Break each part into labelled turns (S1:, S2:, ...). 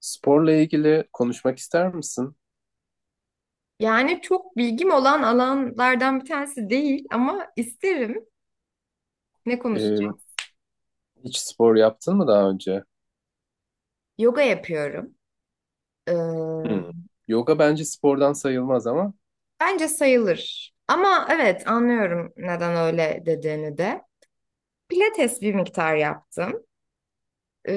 S1: Sporla ilgili konuşmak ister misin?
S2: Yani çok bilgim olan alanlardan bir tanesi değil ama isterim. Ne
S1: Ee,
S2: konuşacağım?
S1: Hiç spor yaptın mı daha önce?
S2: Yoga yapıyorum. Ee,
S1: Hmm. Yoga bence spordan sayılmaz ama
S2: bence sayılır. Ama evet anlıyorum neden öyle dediğini de. Pilates bir miktar yaptım. Ee,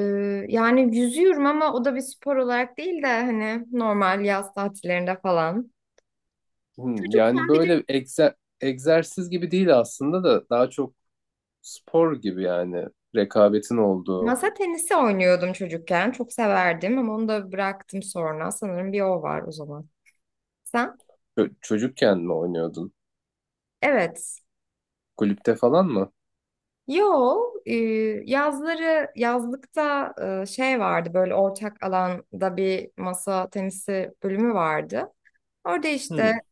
S2: yani yüzüyorum ama o da bir spor olarak değil de hani normal yaz tatillerinde falan.
S1: hmm, yani
S2: Çocukken bir de
S1: böyle egzersiz gibi değil aslında da daha çok spor gibi yani rekabetin olduğu.
S2: masa tenisi oynuyordum çocukken. Çok severdim ama onu da bıraktım sonra. Sanırım bir o var o zaman. Sen?
S1: Çocukken mi oynuyordun?
S2: Evet.
S1: Kulüpte falan mı?
S2: Yo, e, yazları yazlıkta şey vardı böyle ortak alanda bir masa tenisi bölümü vardı. Orada işte
S1: Hmm.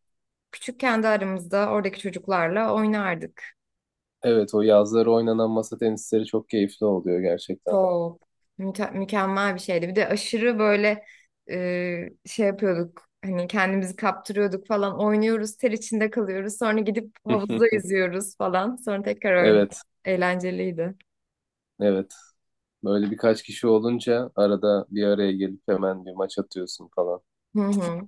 S2: küçük kendi aramızda oradaki çocuklarla oynardık.
S1: Evet, o yazları oynanan masa tenisleri çok keyifli oluyor gerçekten.
S2: Çok mükemmel bir şeydi. Bir de aşırı böyle şey yapıyorduk. Hani kendimizi kaptırıyorduk falan. Oynuyoruz, ter içinde kalıyoruz. Sonra gidip havuzda yüzüyoruz falan. Sonra tekrar oynuyoruz.
S1: Evet,
S2: Eğlenceliydi.
S1: evet. Böyle birkaç kişi olunca arada bir araya gelip hemen bir maç atıyorsun falan.
S2: Hı hı.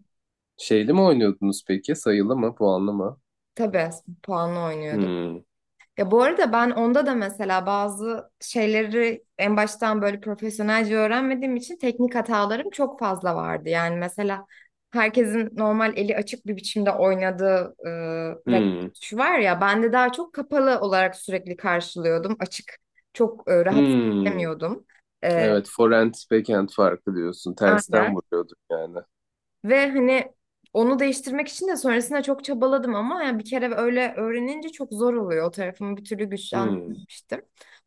S1: Şeyli mi oynuyordunuz peki? Sayılı mı? Puanlı mı?
S2: Tabii puanlı oynuyorduk.
S1: Hmm.
S2: Ya bu arada ben onda da mesela bazı şeyleri en baştan böyle profesyonelce öğrenmediğim için teknik hatalarım çok fazla vardı. Yani mesela herkesin normal eli açık bir biçimde oynadığı raket
S1: Hmm.
S2: tutuşu var ya ben de daha çok kapalı olarak sürekli karşılıyordum. Açık çok rahat
S1: Hmm.
S2: edemiyordum. E,
S1: Evet, forehand, backhand farkı diyorsun. Tersten
S2: aynen.
S1: vuruyorduk yani.
S2: Ve hani onu değiştirmek için de sonrasında çok çabaladım ama yani bir kere öyle öğrenince çok zor oluyor. O tarafımı bir türlü
S1: Hmm.
S2: güçlendirmemiştim.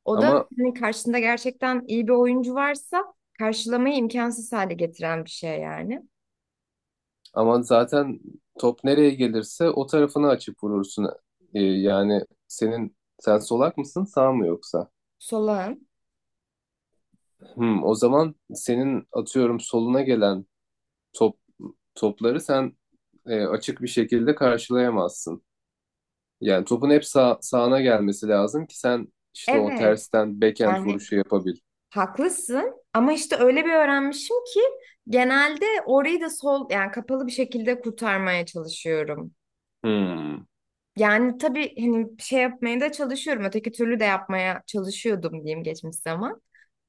S2: O da
S1: Ama
S2: hani karşında gerçekten iyi bir oyuncu varsa karşılamayı imkansız hale getiren bir şey yani.
S1: ama zaten top nereye gelirse o tarafını açıp vurursun. Yani sen solak mısın, sağ mı yoksa?
S2: Solağın.
S1: Hmm. O zaman senin atıyorum soluna gelen top topları sen açık bir şekilde karşılayamazsın. Yani topun hep sağına gelmesi lazım ki sen işte o
S2: Evet,
S1: tersten backhand
S2: yani
S1: vuruşu yapabil.
S2: haklısın ama işte öyle bir öğrenmişim ki genelde orayı da sol yani kapalı bir şekilde kurtarmaya çalışıyorum.
S1: Hmm.
S2: Yani tabii hani bir şey yapmaya da çalışıyorum. Öteki türlü de yapmaya çalışıyordum diyeyim, geçmiş zaman.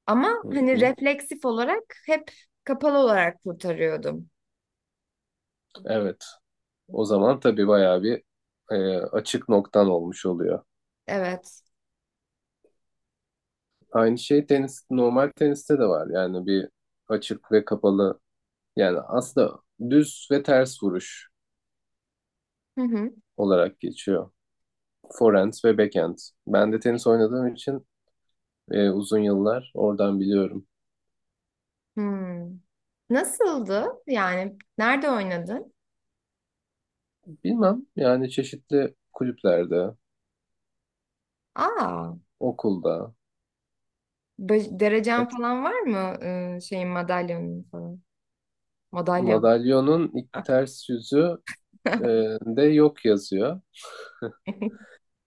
S2: Ama
S1: Hı
S2: hani
S1: hı.
S2: refleksif olarak hep kapalı olarak kurtarıyordum.
S1: Evet. O zaman tabii bayağı bir açık noktan olmuş oluyor.
S2: Evet.
S1: Aynı şey tenis, normal teniste de var. Yani bir açık ve kapalı yani aslında düz ve ters vuruş
S2: Hı hı.
S1: olarak geçiyor. Forehand ve backhand. Ben de tenis oynadığım için uzun yıllar oradan biliyorum.
S2: Hmm. Nasıldı? Yani nerede oynadın?
S1: Bilmem yani çeşitli kulüplerde,
S2: Aa,
S1: okulda, evet.
S2: derecen falan var mı? Şeyin madalyonun falan. Madalyon.
S1: Madalyonun ilk ters yüzü e, de yok yazıyor.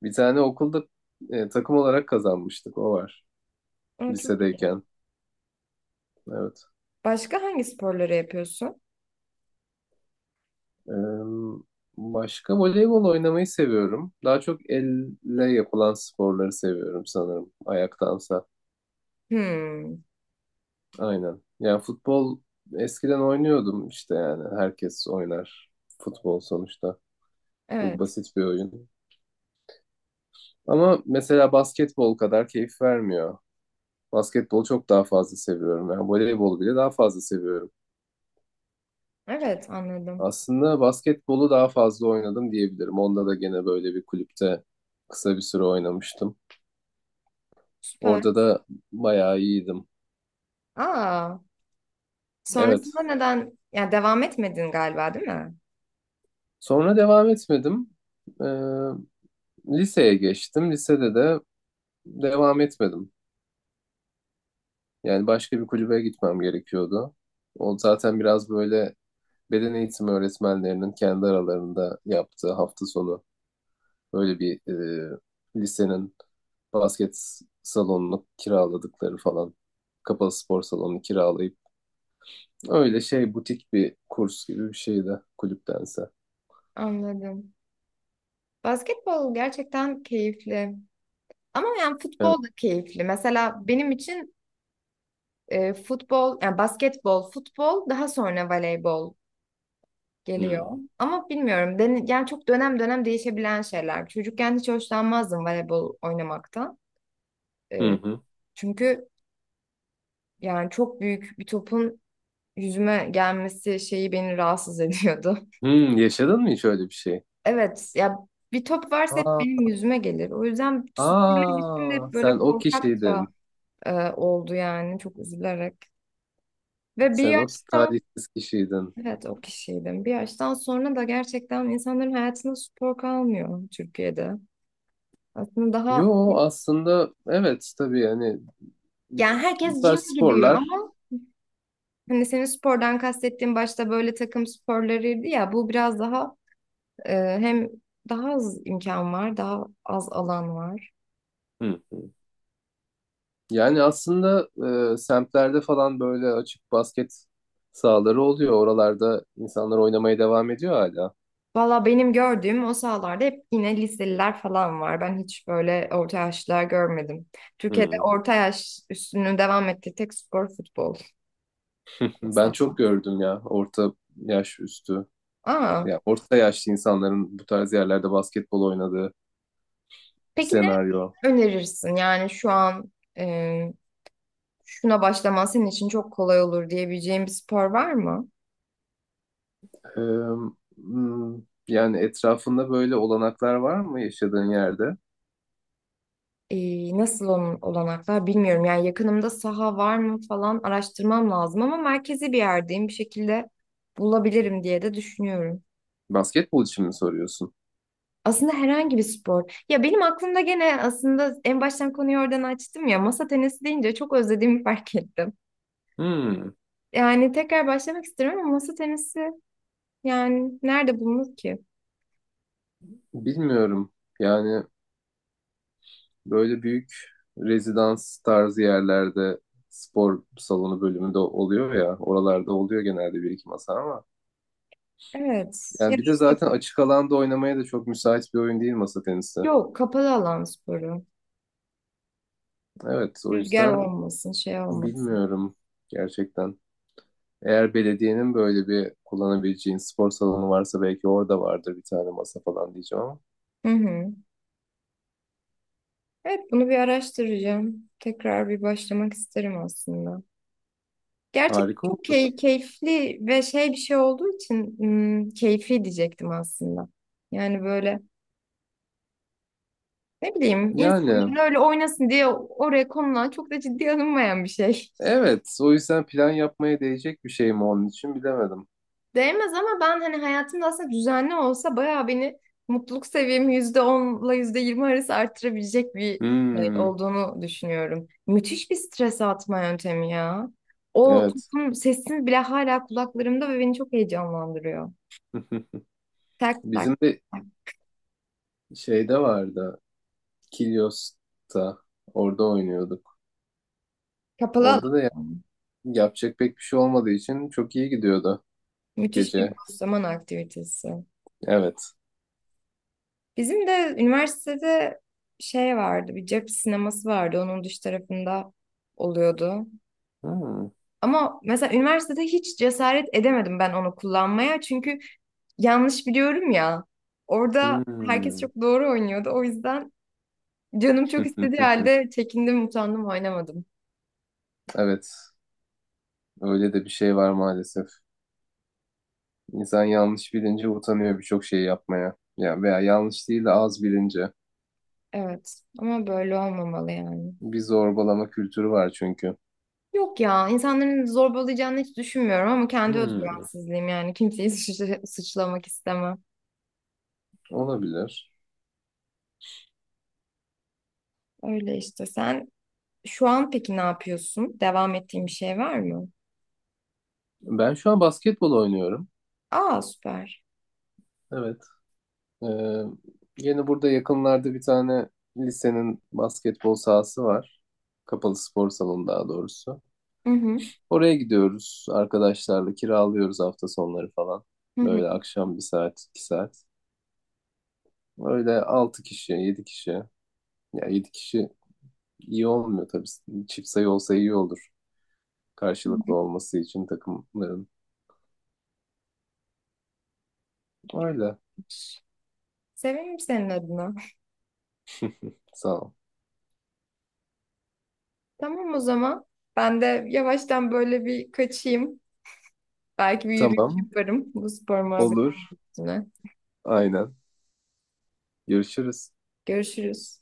S1: Bir tane okulda takım olarak kazanmıştık. O var.
S2: Aa, çok iyi.
S1: Lisedeyken. Evet.
S2: Başka hangi sporları yapıyorsun?
S1: E, Başka voleybol oynamayı seviyorum. Daha çok elle yapılan sporları seviyorum sanırım. Ayaktansa.
S2: Hmm.
S1: Aynen. Yani futbol eskiden oynuyordum işte yani. Herkes oynar. Futbol sonuçta. Çok
S2: Evet.
S1: basit bir oyun. Ama mesela basketbol kadar keyif vermiyor. Basketbolu çok daha fazla seviyorum. Yani voleybolu bile daha fazla seviyorum.
S2: Evet, anladım.
S1: Aslında basketbolu daha fazla oynadım diyebilirim. Onda da gene böyle bir kulüpte kısa bir süre oynamıştım.
S2: Süper.
S1: Orada da bayağı iyiydim.
S2: Aa.
S1: Evet.
S2: Sonrasında neden yani devam etmedin, galiba, değil mi?
S1: Sonra devam etmedim. Ee, Liseye geçtim. Lisede de devam etmedim. Yani başka bir kulübe gitmem gerekiyordu. O zaten biraz böyle beden eğitimi öğretmenlerinin kendi aralarında yaptığı hafta sonu öyle bir lisenin basket salonunu kiraladıkları falan. Kapalı spor salonunu kiralayıp öyle şey butik bir kurs gibi bir şeydi kulüptense.
S2: Anladım. Basketbol gerçekten keyifli. Ama yani
S1: Evet.
S2: futbol da keyifli. Mesela benim için futbol, yani basketbol, futbol, daha sonra voleybol geliyor.
S1: Hmm.
S2: Ama bilmiyorum, yani çok dönem dönem değişebilen şeyler. Çocukken hiç hoşlanmazdım voleybol oynamaktan.
S1: Hı
S2: E,
S1: hı.
S2: çünkü yani çok büyük bir topun yüzüme gelmesi şeyi beni rahatsız ediyordu.
S1: Hmm, yaşadın mı hiç öyle bir şey?
S2: Evet ya, bir top varsa hep
S1: Aa,
S2: benim yüzüme gelir. O yüzden sporla ilişkim de
S1: aa,
S2: hep
S1: sen
S2: böyle
S1: o kişiydin.
S2: korkakça oldu yani, çok üzülerek. Ve bir
S1: Sen o
S2: yaştan,
S1: talihsiz kişiydin.
S2: evet, o kişiydim. Bir yaştan sonra da gerçekten insanların hayatında spor kalmıyor Türkiye'de. Aslında daha
S1: Yo aslında evet tabii yani bu
S2: yani herkes
S1: tarz
S2: gym gidiyor
S1: sporlar.
S2: ama hani senin spordan kastettiğin başta böyle takım sporlarıydı ya, bu biraz daha hem daha az imkan var, daha az alan var.
S1: Hı. Yani aslında semtlerde falan böyle açık basket sahaları oluyor. Oralarda insanlar oynamaya devam ediyor hala.
S2: Valla benim gördüğüm o sahalarda hep yine liseliler falan var. Ben hiç böyle orta yaşlılar görmedim. Türkiye'de
S1: Hmm.
S2: orta yaş üstünü devam ettiği tek spor futbol
S1: Ben
S2: aslında.
S1: çok gördüm ya orta yaş üstü.
S2: Aa,
S1: Ya orta yaşlı insanların bu tarz yerlerde basketbol oynadığı
S2: peki ne
S1: senaryo.
S2: önerirsin? Yani şu an e, şuna başlaman senin için çok kolay olur diyebileceğin bir spor var mı?
S1: Ee, hmm, Yani etrafında böyle olanaklar var mı yaşadığın yerde?
S2: Nasıl onun olanaklar bilmiyorum. Yani yakınımda saha var mı falan araştırmam lazım ama merkezi bir yerdeyim, bir şekilde bulabilirim diye de düşünüyorum.
S1: Basketbol için mi soruyorsun?
S2: Aslında herhangi bir spor. Ya benim aklımda gene aslında en baştan konuyu oradan açtım ya, masa tenisi deyince çok özlediğimi fark ettim.
S1: Hmm.
S2: Yani tekrar başlamak istiyorum ama masa tenisi yani nerede bulunur ki?
S1: Bilmiyorum. Yani böyle büyük rezidans tarzı yerlerde spor salonu bölümünde oluyor ya. Oralarda oluyor genelde bir iki masa ama.
S2: Evet. Ya
S1: Yani
S2: da
S1: bir de
S2: işte
S1: zaten açık alanda oynamaya da çok müsait bir oyun değil masa tenisi.
S2: yok, kapalı alan sporu.
S1: Evet, o
S2: Rüzgar
S1: yüzden
S2: olmasın, şey olmasın.
S1: bilmiyorum gerçekten. Eğer belediyenin böyle bir kullanabileceğin spor salonu varsa belki orada vardır bir tane masa falan diyeceğim ama.
S2: Hı hı. Evet, bunu bir araştıracağım. Tekrar bir başlamak isterim aslında. Gerçekten
S1: Harika,
S2: çok
S1: olur.
S2: keyifli ve şey bir şey olduğu için keyfi diyecektim aslında. Yani böyle, ne bileyim,
S1: Yani
S2: insanların öyle oynasın diye oraya konulan çok da ciddiye alınmayan bir şey.
S1: evet, o yüzden plan yapmaya değecek bir şey mi onun için bilemedim.
S2: Değmez ama ben hani hayatımda aslında düzenli olsa bayağı beni, mutluluk seviyemi %10'la yüzde yirmi arası arttırabilecek bir şey
S1: Hmm,
S2: olduğunu düşünüyorum. Müthiş bir stres atma yöntemi ya. O
S1: evet.
S2: toplum sesini bile hala kulaklarımda ve beni çok heyecanlandırıyor. Tak tak
S1: Bizim de
S2: tak.
S1: şeyde vardı. Kilyos'ta. Orada oynuyorduk.
S2: Kapalı
S1: Orada da
S2: alan.
S1: yapacak pek bir şey olmadığı için çok iyi gidiyordu
S2: Müthiş bir
S1: gece.
S2: boş zaman aktivitesi.
S1: Evet.
S2: Bizim de üniversitede şey vardı, bir cep sineması vardı. Onun dış tarafında oluyordu.
S1: Hmm.
S2: Ama mesela üniversitede hiç cesaret edemedim ben onu kullanmaya. Çünkü yanlış biliyorum ya. Orada herkes
S1: Hmm.
S2: çok doğru oynuyordu. O yüzden canım çok istediği halde çekindim, utandım, oynamadım.
S1: Evet. Öyle de bir şey var maalesef. İnsan yanlış bilince utanıyor birçok şeyi yapmaya. Ya veya yanlış değil de az bilince.
S2: Evet ama böyle olmamalı yani.
S1: Bir zorbalama kültürü var çünkü.
S2: Yok ya, insanların zorbalayacağını hiç düşünmüyorum ama kendi
S1: Hmm.
S2: özgüvensizliğim, yani kimseyi suçlamak istemem.
S1: Olabilir.
S2: Öyle işte sen. Şu an peki ne yapıyorsun? Devam ettiğin bir şey var mı?
S1: Ben şu an basketbol oynuyorum.
S2: Aa, süper.
S1: Evet. Ee, Yeni burada yakınlarda bir tane lisenin basketbol sahası var. Kapalı spor salonu daha doğrusu.
S2: Hı hı.
S1: Oraya gidiyoruz arkadaşlarla, kiralıyoruz hafta sonları falan.
S2: Hı hı.
S1: Böyle akşam bir saat, iki saat. Öyle altı kişi, yedi kişi. Ya yedi kişi iyi olmuyor tabii. Çift sayı olsa iyi olur.
S2: Hı
S1: Karşılıklı
S2: hı.
S1: olması için takımların. Öyle.
S2: Sevinirim senin adına.
S1: Sağ ol.
S2: Tamam, o zaman. Ben de yavaştan böyle bir kaçayım. Belki bir yürüyüş
S1: Tamam.
S2: yaparım bu spor muhabbetine.
S1: Olur. Aynen. Görüşürüz.
S2: Görüşürüz.